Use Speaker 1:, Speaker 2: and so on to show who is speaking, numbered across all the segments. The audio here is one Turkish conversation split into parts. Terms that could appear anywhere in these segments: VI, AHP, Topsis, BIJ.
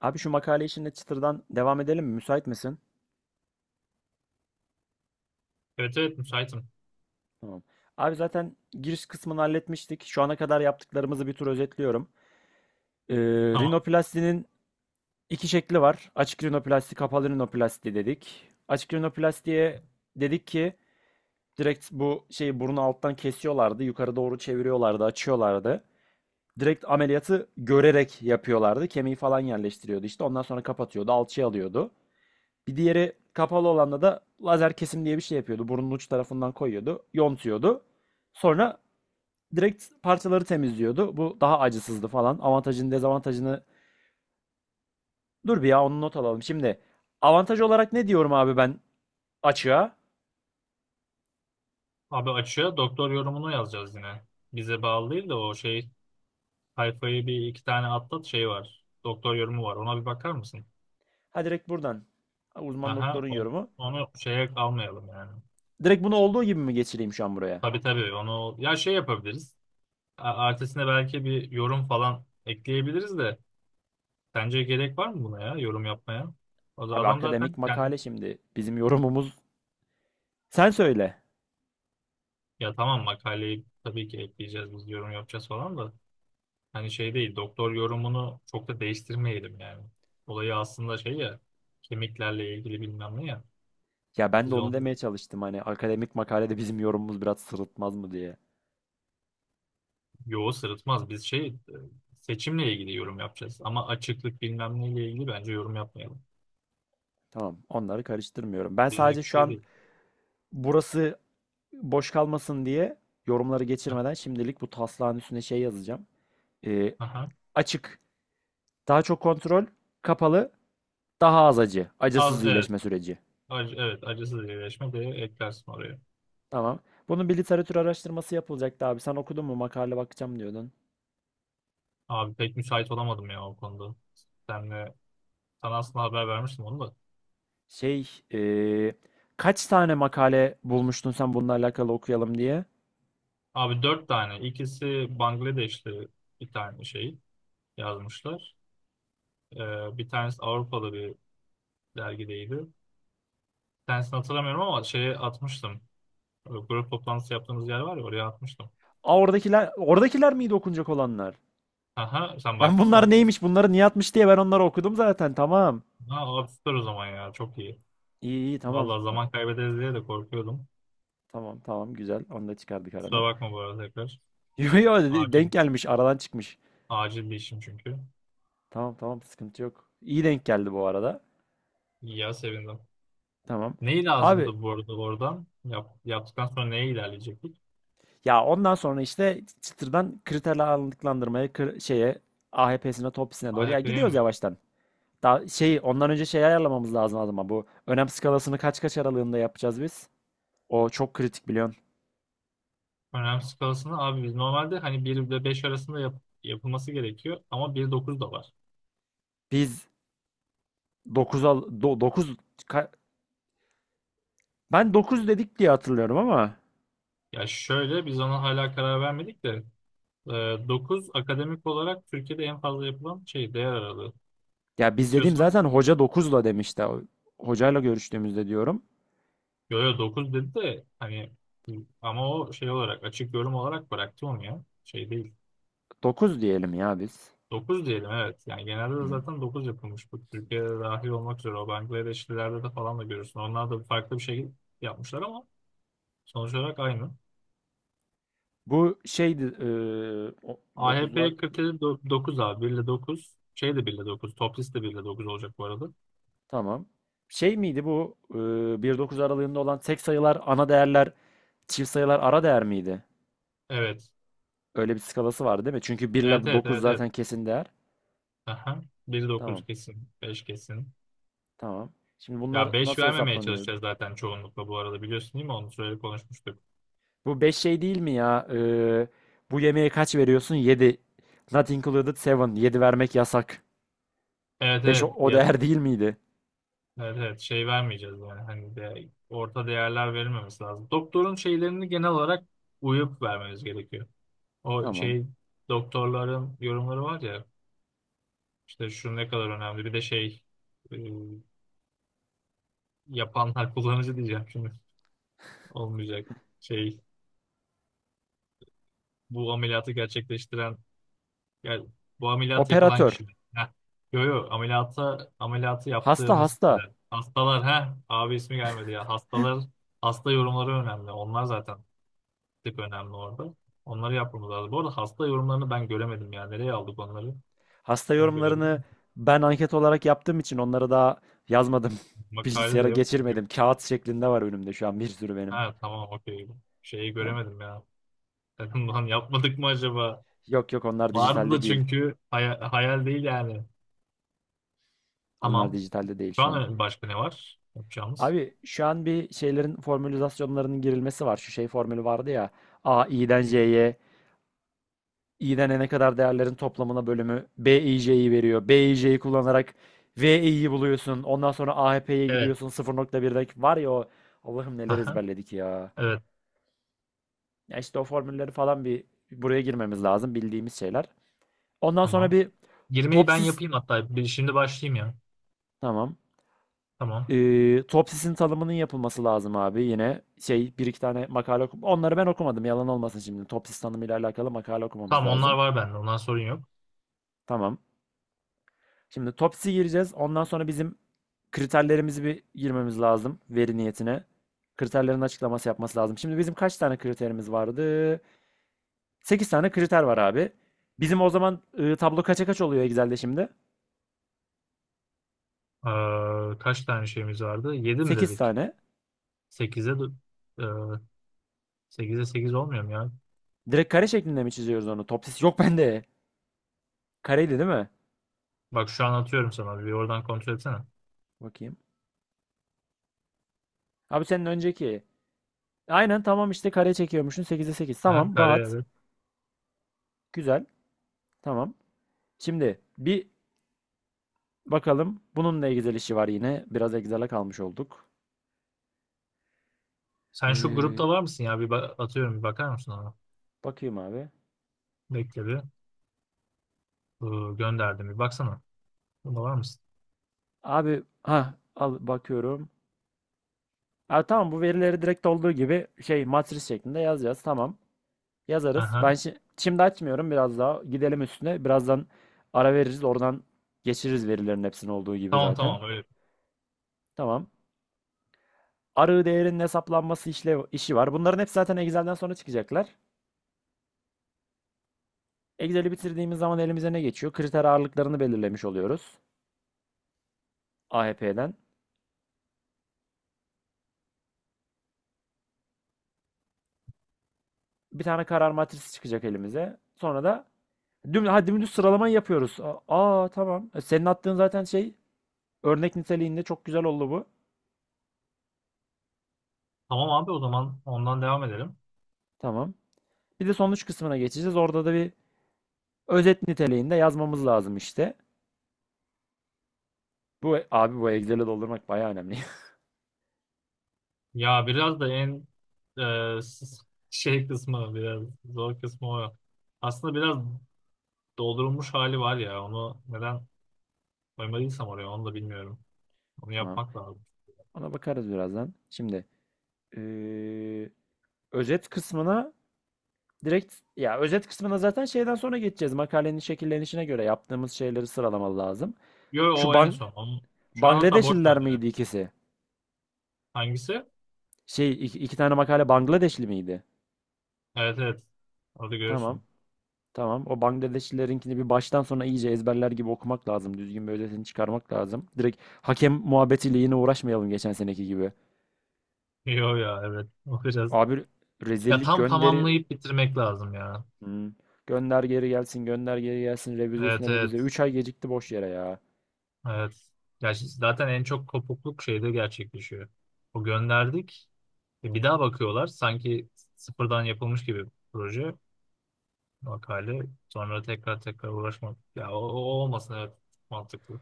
Speaker 1: Abi şu makale işinde çıtırdan devam edelim mi? Müsait misin?
Speaker 2: Evet, evet, müsaitim.
Speaker 1: Tamam. Abi zaten giriş kısmını halletmiştik. Şu ana kadar yaptıklarımızı bir tur özetliyorum. Ee,
Speaker 2: Tamam.
Speaker 1: Rinoplastinin iki şekli var. Açık rinoplasti, kapalı rinoplasti dedik. Açık rinoplastiye dedik ki direkt bu şeyi burnu alttan kesiyorlardı. Yukarı doğru çeviriyorlardı, açıyorlardı. Direkt ameliyatı görerek yapıyorlardı. Kemiği falan yerleştiriyordu işte. Ondan sonra kapatıyordu, alçıya alıyordu. Bir diğeri kapalı olanda da lazer kesim diye bir şey yapıyordu. Burnun uç tarafından koyuyordu, yontuyordu. Sonra direkt parçaları temizliyordu. Bu daha acısızdı falan. Avantajını, dezavantajını dur bir ya onu not alalım. Şimdi avantaj olarak ne diyorum abi ben açığa?
Speaker 2: Abi açığa doktor yorumunu yazacağız yine. Bize bağlı değil de o şey sayfayı bir iki tane atlat şey var. Doktor yorumu var. Ona bir bakar mısın?
Speaker 1: Ha, direkt buradan. Ha, uzman
Speaker 2: Aha
Speaker 1: doktorun
Speaker 2: on-
Speaker 1: yorumu.
Speaker 2: Onu şeye almayalım yani.
Speaker 1: Direkt bunu olduğu gibi mi geçireyim şu an buraya?
Speaker 2: Tabii, tabii, onu ya şey yapabiliriz. Ertesine belki bir yorum falan ekleyebiliriz de sence gerek var mı buna ya yorum yapmaya? O da
Speaker 1: Abi
Speaker 2: adam zaten
Speaker 1: akademik
Speaker 2: kendi
Speaker 1: makale şimdi bizim yorumumuz. Sen söyle.
Speaker 2: ya tamam makaleyi tabii ki ekleyeceğiz biz yorum yapacağız falan da. Hani şey değil, doktor yorumunu çok da değiştirmeyelim yani. Olayı aslında şey ya, kemiklerle ilgili bilmem ne ya.
Speaker 1: Ya ben de
Speaker 2: Biz
Speaker 1: onu
Speaker 2: onu
Speaker 1: demeye çalıştım hani akademik makalede bizim yorumumuz biraz sırıtmaz mı diye.
Speaker 2: yoğu sırıtmaz. Biz şey seçimle ilgili yorum yapacağız. Ama açıklık bilmem neyle ilgili bence yorum yapmayalım.
Speaker 1: Tamam, onları karıştırmıyorum. Ben sadece
Speaker 2: Bizlik bir
Speaker 1: şu
Speaker 2: şey
Speaker 1: an
Speaker 2: değil.
Speaker 1: burası boş kalmasın diye yorumları
Speaker 2: Ha.
Speaker 1: geçirmeden şimdilik bu taslağın üstüne şey yazacağım. Ee,
Speaker 2: Aha.
Speaker 1: Açık, daha çok kontrol, kapalı, daha az acı, acısız
Speaker 2: Az, evet.
Speaker 1: iyileşme süreci.
Speaker 2: Acı, evet. Acısız iyileşme de eklersin oraya.
Speaker 1: Tamam. Bunun bir literatür araştırması yapılacaktı abi. Sen okudun mu? Makale bakacağım diyordun.
Speaker 2: Abi pek müsait olamadım ya o konuda. Senle, sana aslında haber vermiştim onu da.
Speaker 1: Şey, ee, kaç tane makale bulmuştun sen bununla alakalı okuyalım diye?
Speaker 2: Abi dört tane. İkisi Bangladeşli bir tane şey yazmışlar. Bir tanesi Avrupalı bir dergideydi. Bir tanesini hatırlamıyorum ama şeye atmıştım. Grup toplantısı yaptığımız yer var ya oraya atmıştım.
Speaker 1: Aa, oradakiler miydi okunacak olanlar?
Speaker 2: Aha sen
Speaker 1: Ben
Speaker 2: baktın
Speaker 1: bunlar
Speaker 2: mı?
Speaker 1: neymiş, bunları niye atmış diye ben onları okudum zaten. Tamam.
Speaker 2: Ha abi süper o zaman ya çok iyi.
Speaker 1: İyi, iyi, tamam.
Speaker 2: Vallahi zaman kaybederiz diye de korkuyordum.
Speaker 1: Tamam, tamam, güzel. Onu da çıkardık
Speaker 2: Kusura
Speaker 1: aradan.
Speaker 2: bakma bu arada tekrar.
Speaker 1: Yo, yo, dedi,
Speaker 2: Acil.
Speaker 1: denk gelmiş aradan çıkmış.
Speaker 2: Acil bir işim çünkü.
Speaker 1: Tamam, tamam, sıkıntı yok. İyi denk geldi bu arada.
Speaker 2: İyi ya sevindim.
Speaker 1: Tamam.
Speaker 2: Neyi
Speaker 1: Abi
Speaker 2: lazımdı bu arada oradan? Yaptıktan sonra neye ilerleyecektik?
Speaker 1: ya ondan sonra işte çıtırdan kriterler alındıklandırmaya şeye AHP'sine topisine doğru ya
Speaker 2: AHP'ye
Speaker 1: gidiyoruz
Speaker 2: mi?
Speaker 1: yavaştan. Daha şey ondan önce şey ayarlamamız lazım ama bu önem skalasını kaç kaç aralığında yapacağız biz? O çok kritik biliyorsun.
Speaker 2: Önem skalasını abi biz normalde hani bir ile 5 arasında yapılması gerekiyor ama bir nokta dokuz da var.
Speaker 1: Biz 9 al 9 ben 9 dedik diye hatırlıyorum ama.
Speaker 2: Ya şöyle biz ona hala karar vermedik de 9 akademik olarak Türkiye'de en fazla yapılan şey değer aralığı.
Speaker 1: Ya biz dediğim
Speaker 2: İstiyorsan
Speaker 1: zaten hoca dokuzla demişti. Hocayla görüştüğümüzde diyorum.
Speaker 2: yo, yo, 9 dedi de hani ama o şey olarak açık yorum olarak bıraktı onu ya. Şey değil.
Speaker 1: Dokuz diyelim ya biz.
Speaker 2: 9 diyelim, evet. Yani genelde de
Speaker 1: Hı.
Speaker 2: zaten dokuz yapılmış. Bu Türkiye'de dahil olmak üzere o Bangladeşlilerde de falan da görürsün. Onlar da farklı bir şekilde yapmışlar ama sonuç olarak aynı.
Speaker 1: Bu şeydi
Speaker 2: AHP 47 dokuz abi 1 ile 9. Şey de 1 ile 9. Top list de 1 ile 9 olacak bu arada.
Speaker 1: tamam. Şey miydi bu 1-9 aralığında olan tek sayılar ana değerler, çift sayılar ara değer miydi?
Speaker 2: Evet.
Speaker 1: Öyle bir skalası vardı değil mi? Çünkü 1
Speaker 2: Evet
Speaker 1: ile
Speaker 2: evet
Speaker 1: 9
Speaker 2: evet evet.
Speaker 1: zaten kesin değer.
Speaker 2: Aha. Bir
Speaker 1: Tamam,
Speaker 2: dokuz kesin. Beş kesin.
Speaker 1: tamam. Şimdi bunlar
Speaker 2: Ya 5
Speaker 1: nasıl
Speaker 2: vermemeye
Speaker 1: hesaplanıyor?
Speaker 2: çalışacağız zaten çoğunlukla bu arada biliyorsun değil mi? Onu söyle konuşmuştuk.
Speaker 1: Bu 5 şey değil mi ya? E, bu yemeğe kaç veriyorsun? 7. Not included seven. 7 vermek yasak.
Speaker 2: Evet
Speaker 1: 5 o,
Speaker 2: evet.
Speaker 1: o
Speaker 2: Ya,
Speaker 1: değer değil miydi?
Speaker 2: evet, evet. Şey vermeyeceğiz yani. Hani de orta değerler verilmemesi lazım. Doktorun şeylerini genel olarak uyup vermemiz gerekiyor. O
Speaker 1: Tamam.
Speaker 2: şey doktorların yorumları var ya işte şu ne kadar önemli. Bir de şey e, yapanlar kullanıcı diyeceğim şimdi. Olmayacak. Şey bu ameliyatı gerçekleştiren. Yani bu ameliyat yapılan
Speaker 1: Operatör.
Speaker 2: kişiler. Heh. Yo, yo, ameliyatı
Speaker 1: Hasta,
Speaker 2: yaptığımız
Speaker 1: hasta.
Speaker 2: kişiler. Hastalar ha abi ismi gelmedi ya. Hastalar hasta yorumları önemli. Onlar zaten tek önemli orada. Onları yapmamız lazım. Bu arada hasta yorumlarını ben göremedim ya. Nereye aldık onları?
Speaker 1: Hasta
Speaker 2: Sen görebilir
Speaker 1: yorumlarını
Speaker 2: misin?
Speaker 1: ben anket olarak yaptığım için onları daha yazmadım.
Speaker 2: Makale de
Speaker 1: Bilgisayara
Speaker 2: yok çünkü.
Speaker 1: geçirmedim. Kağıt şeklinde var önümde şu an bir sürü benim.
Speaker 2: Ha tamam okey. Şeyi
Speaker 1: Tamam.
Speaker 2: göremedim ya. Dedim lan yapmadık mı acaba?
Speaker 1: Yok, yok, onlar
Speaker 2: Vardı da
Speaker 1: dijitalde değil.
Speaker 2: çünkü hayal değil yani.
Speaker 1: Onlar
Speaker 2: Tamam.
Speaker 1: dijitalde değil
Speaker 2: Şu
Speaker 1: şu an.
Speaker 2: an başka ne var yapacağımız?
Speaker 1: Abi şu an bir şeylerin formülizasyonlarının girilmesi var. Şu şey formülü vardı ya. A, i'den c'ye. İğnelene kadar değerlerin toplamına bölümü b BIJ'yi veriyor. B BIJ'yi kullanarak v VI'yi buluyorsun. Ondan sonra AHP'ye
Speaker 2: Evet.
Speaker 1: gidiyorsun 0,1'deki. Var ya o Allah'ım neler
Speaker 2: Aha.
Speaker 1: ezberledik ya.
Speaker 2: Evet.
Speaker 1: Ya işte o formülleri falan bir buraya girmemiz lazım bildiğimiz şeyler. Ondan sonra
Speaker 2: Tamam.
Speaker 1: bir
Speaker 2: Girmeyi ben
Speaker 1: topsis,
Speaker 2: yapayım hatta. Şimdi başlayayım ya.
Speaker 1: tamam.
Speaker 2: Tamam.
Speaker 1: Topsisin tanımının yapılması lazım abi. Yine şey bir iki tane makale okum. Onları ben okumadım yalan olmasın şimdi. Topsis tanımıyla alakalı makale okumamız
Speaker 2: Tamam onlar
Speaker 1: lazım.
Speaker 2: var bende. Ondan sorun yok.
Speaker 1: Tamam. Şimdi Tops'i gireceğiz. Ondan sonra bizim kriterlerimizi bir girmemiz lazım veri niyetine. Kriterlerin açıklaması yapması lazım. Şimdi bizim kaç tane kriterimiz vardı? 8 tane kriter var abi. Bizim o zaman tablo kaça kaç oluyor Excel'de şimdi?
Speaker 2: Kaç tane şeyimiz vardı? 7 mi
Speaker 1: 8
Speaker 2: dedik?
Speaker 1: tane.
Speaker 2: 8'e. Sekize 8 olmuyor mu ya?
Speaker 1: Direkt kare şeklinde mi çiziyoruz onu? Topsis yok bende. Kareydi değil mi?
Speaker 2: Bak şu an atıyorum sana. Bir oradan kontrol etsene.
Speaker 1: Bakayım. Abi senin önceki. Aynen, tamam, işte kare çekiyormuşsun 8'e sekiz.
Speaker 2: Ha,
Speaker 1: Tamam,
Speaker 2: kare,
Speaker 1: rahat.
Speaker 2: evet.
Speaker 1: Güzel. Tamam. Şimdi bir bakalım. Bununla Excel işi var yine. Biraz Excel'e kalmış olduk.
Speaker 2: Sen şu
Speaker 1: Ee,
Speaker 2: grupta var mısın ya? Bir atıyorum bir bakar mısın ona?
Speaker 1: Bakayım abi.
Speaker 2: Bekle bir. Gönderdim bir baksana. Burada var mısın?
Speaker 1: Abi ha al bakıyorum. Ha, tamam, bu verileri direkt olduğu gibi şey matris şeklinde yazacağız. Tamam. Yazarız.
Speaker 2: Aha.
Speaker 1: Ben şimdi açmıyorum biraz daha. Gidelim üstüne. Birazdan ara veririz. Oradan geçiririz verilerin hepsinin olduğu gibi
Speaker 2: Tamam
Speaker 1: zaten.
Speaker 2: tamam öyle.
Speaker 1: Tamam. Arı değerinin hesaplanması işle işi var. Bunların hepsi zaten Excel'den sonra çıkacaklar. Excel'i bitirdiğimiz zaman elimize ne geçiyor? Kriter ağırlıklarını belirlemiş oluyoruz. AHP'den. Bir tane karar matrisi çıkacak elimize. Sonra da Ha, dümdüz sıralamayı yapıyoruz. Aa, tamam. E, senin attığın zaten şey örnek niteliğinde çok güzel oldu bu.
Speaker 2: Tamam abi o zaman ondan devam edelim.
Speaker 1: Tamam. Bir de sonuç kısmına geçeceğiz. Orada da bir özet niteliğinde yazmamız lazım işte. Bu abi bu Excel'i doldurmak bayağı önemli.
Speaker 2: Ya biraz da e, s- şey kısmı biraz zor kısmı o. Aslında biraz doldurulmuş hali var ya onu neden koymadıysam oraya onu da bilmiyorum. Onu
Speaker 1: Tamam.
Speaker 2: yapmak lazım.
Speaker 1: Ona bakarız birazdan. Şimdi eee, özet kısmına direkt ya özet kısmına zaten şeyden sonra geçeceğiz. Makalenin şekillenişine göre yaptığımız şeyleri sıralamalı lazım.
Speaker 2: Yo
Speaker 1: Şu
Speaker 2: o en son. Şu an hatta boş ver
Speaker 1: Bangladeşliler
Speaker 2: yani.
Speaker 1: miydi ikisi?
Speaker 2: Hangisi?
Speaker 1: Şey iki tane makale Bangladeşli miydi?
Speaker 2: Evet, evet. Orada
Speaker 1: Tamam.
Speaker 2: görürsün.
Speaker 1: Tamam. O Bangladeşlilerinkini bir baştan sona iyice ezberler gibi okumak lazım. Düzgün bir özetini çıkarmak lazım. Direkt hakem muhabbetiyle yine uğraşmayalım geçen seneki gibi.
Speaker 2: Yo ya evet. O biraz.
Speaker 1: Abi
Speaker 2: Ya
Speaker 1: rezillik
Speaker 2: tam
Speaker 1: gönderi.
Speaker 2: tamamlayıp bitirmek lazım ya.
Speaker 1: Hmm. Gönder geri gelsin, gönder geri gelsin. Revize
Speaker 2: Evet
Speaker 1: üstüne revize.
Speaker 2: evet.
Speaker 1: 3 ay gecikti boş yere ya.
Speaker 2: Evet. Gerçi zaten en çok kopukluk şeyde gerçekleşiyor. O gönderdik. E, bir daha bakıyorlar. Sanki sıfırdan yapılmış gibi proje makale. Sonra tekrar tekrar uğraşmak. Ya o olmasın, evet, mantıklı.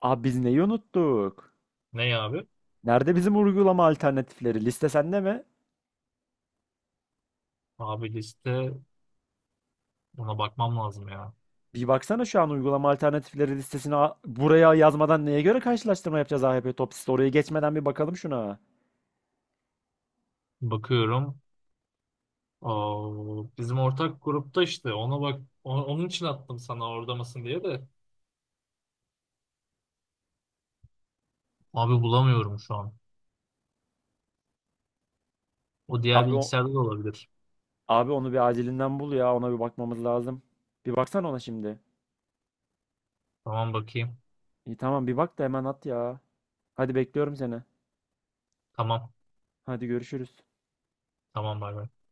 Speaker 1: Abi biz neyi unuttuk?
Speaker 2: Ne ya abi?
Speaker 1: Nerede bizim uygulama alternatifleri? Liste sende mi?
Speaker 2: Abi liste ona bakmam lazım ya.
Speaker 1: Bir baksana şu an uygulama alternatifleri listesini buraya yazmadan neye göre karşılaştırma yapacağız AHP Topsis'te? Oraya geçmeden bir bakalım şuna.
Speaker 2: Bakıyorum. Aa, bizim ortak grupta işte ona bak onun için attım sana orada mısın diye de. Abi bulamıyorum şu an. O diğer
Speaker 1: Abi o-
Speaker 2: bilgisayarda da olabilir.
Speaker 1: Abi onu bir acilinden bul ya. Ona bir bakmamız lazım. Bir baksana ona şimdi.
Speaker 2: Tamam bakayım.
Speaker 1: İyi, tamam, bir bak da hemen at ya. Hadi bekliyorum seni.
Speaker 2: Tamam.
Speaker 1: Hadi görüşürüz.
Speaker 2: Tamam bay bay.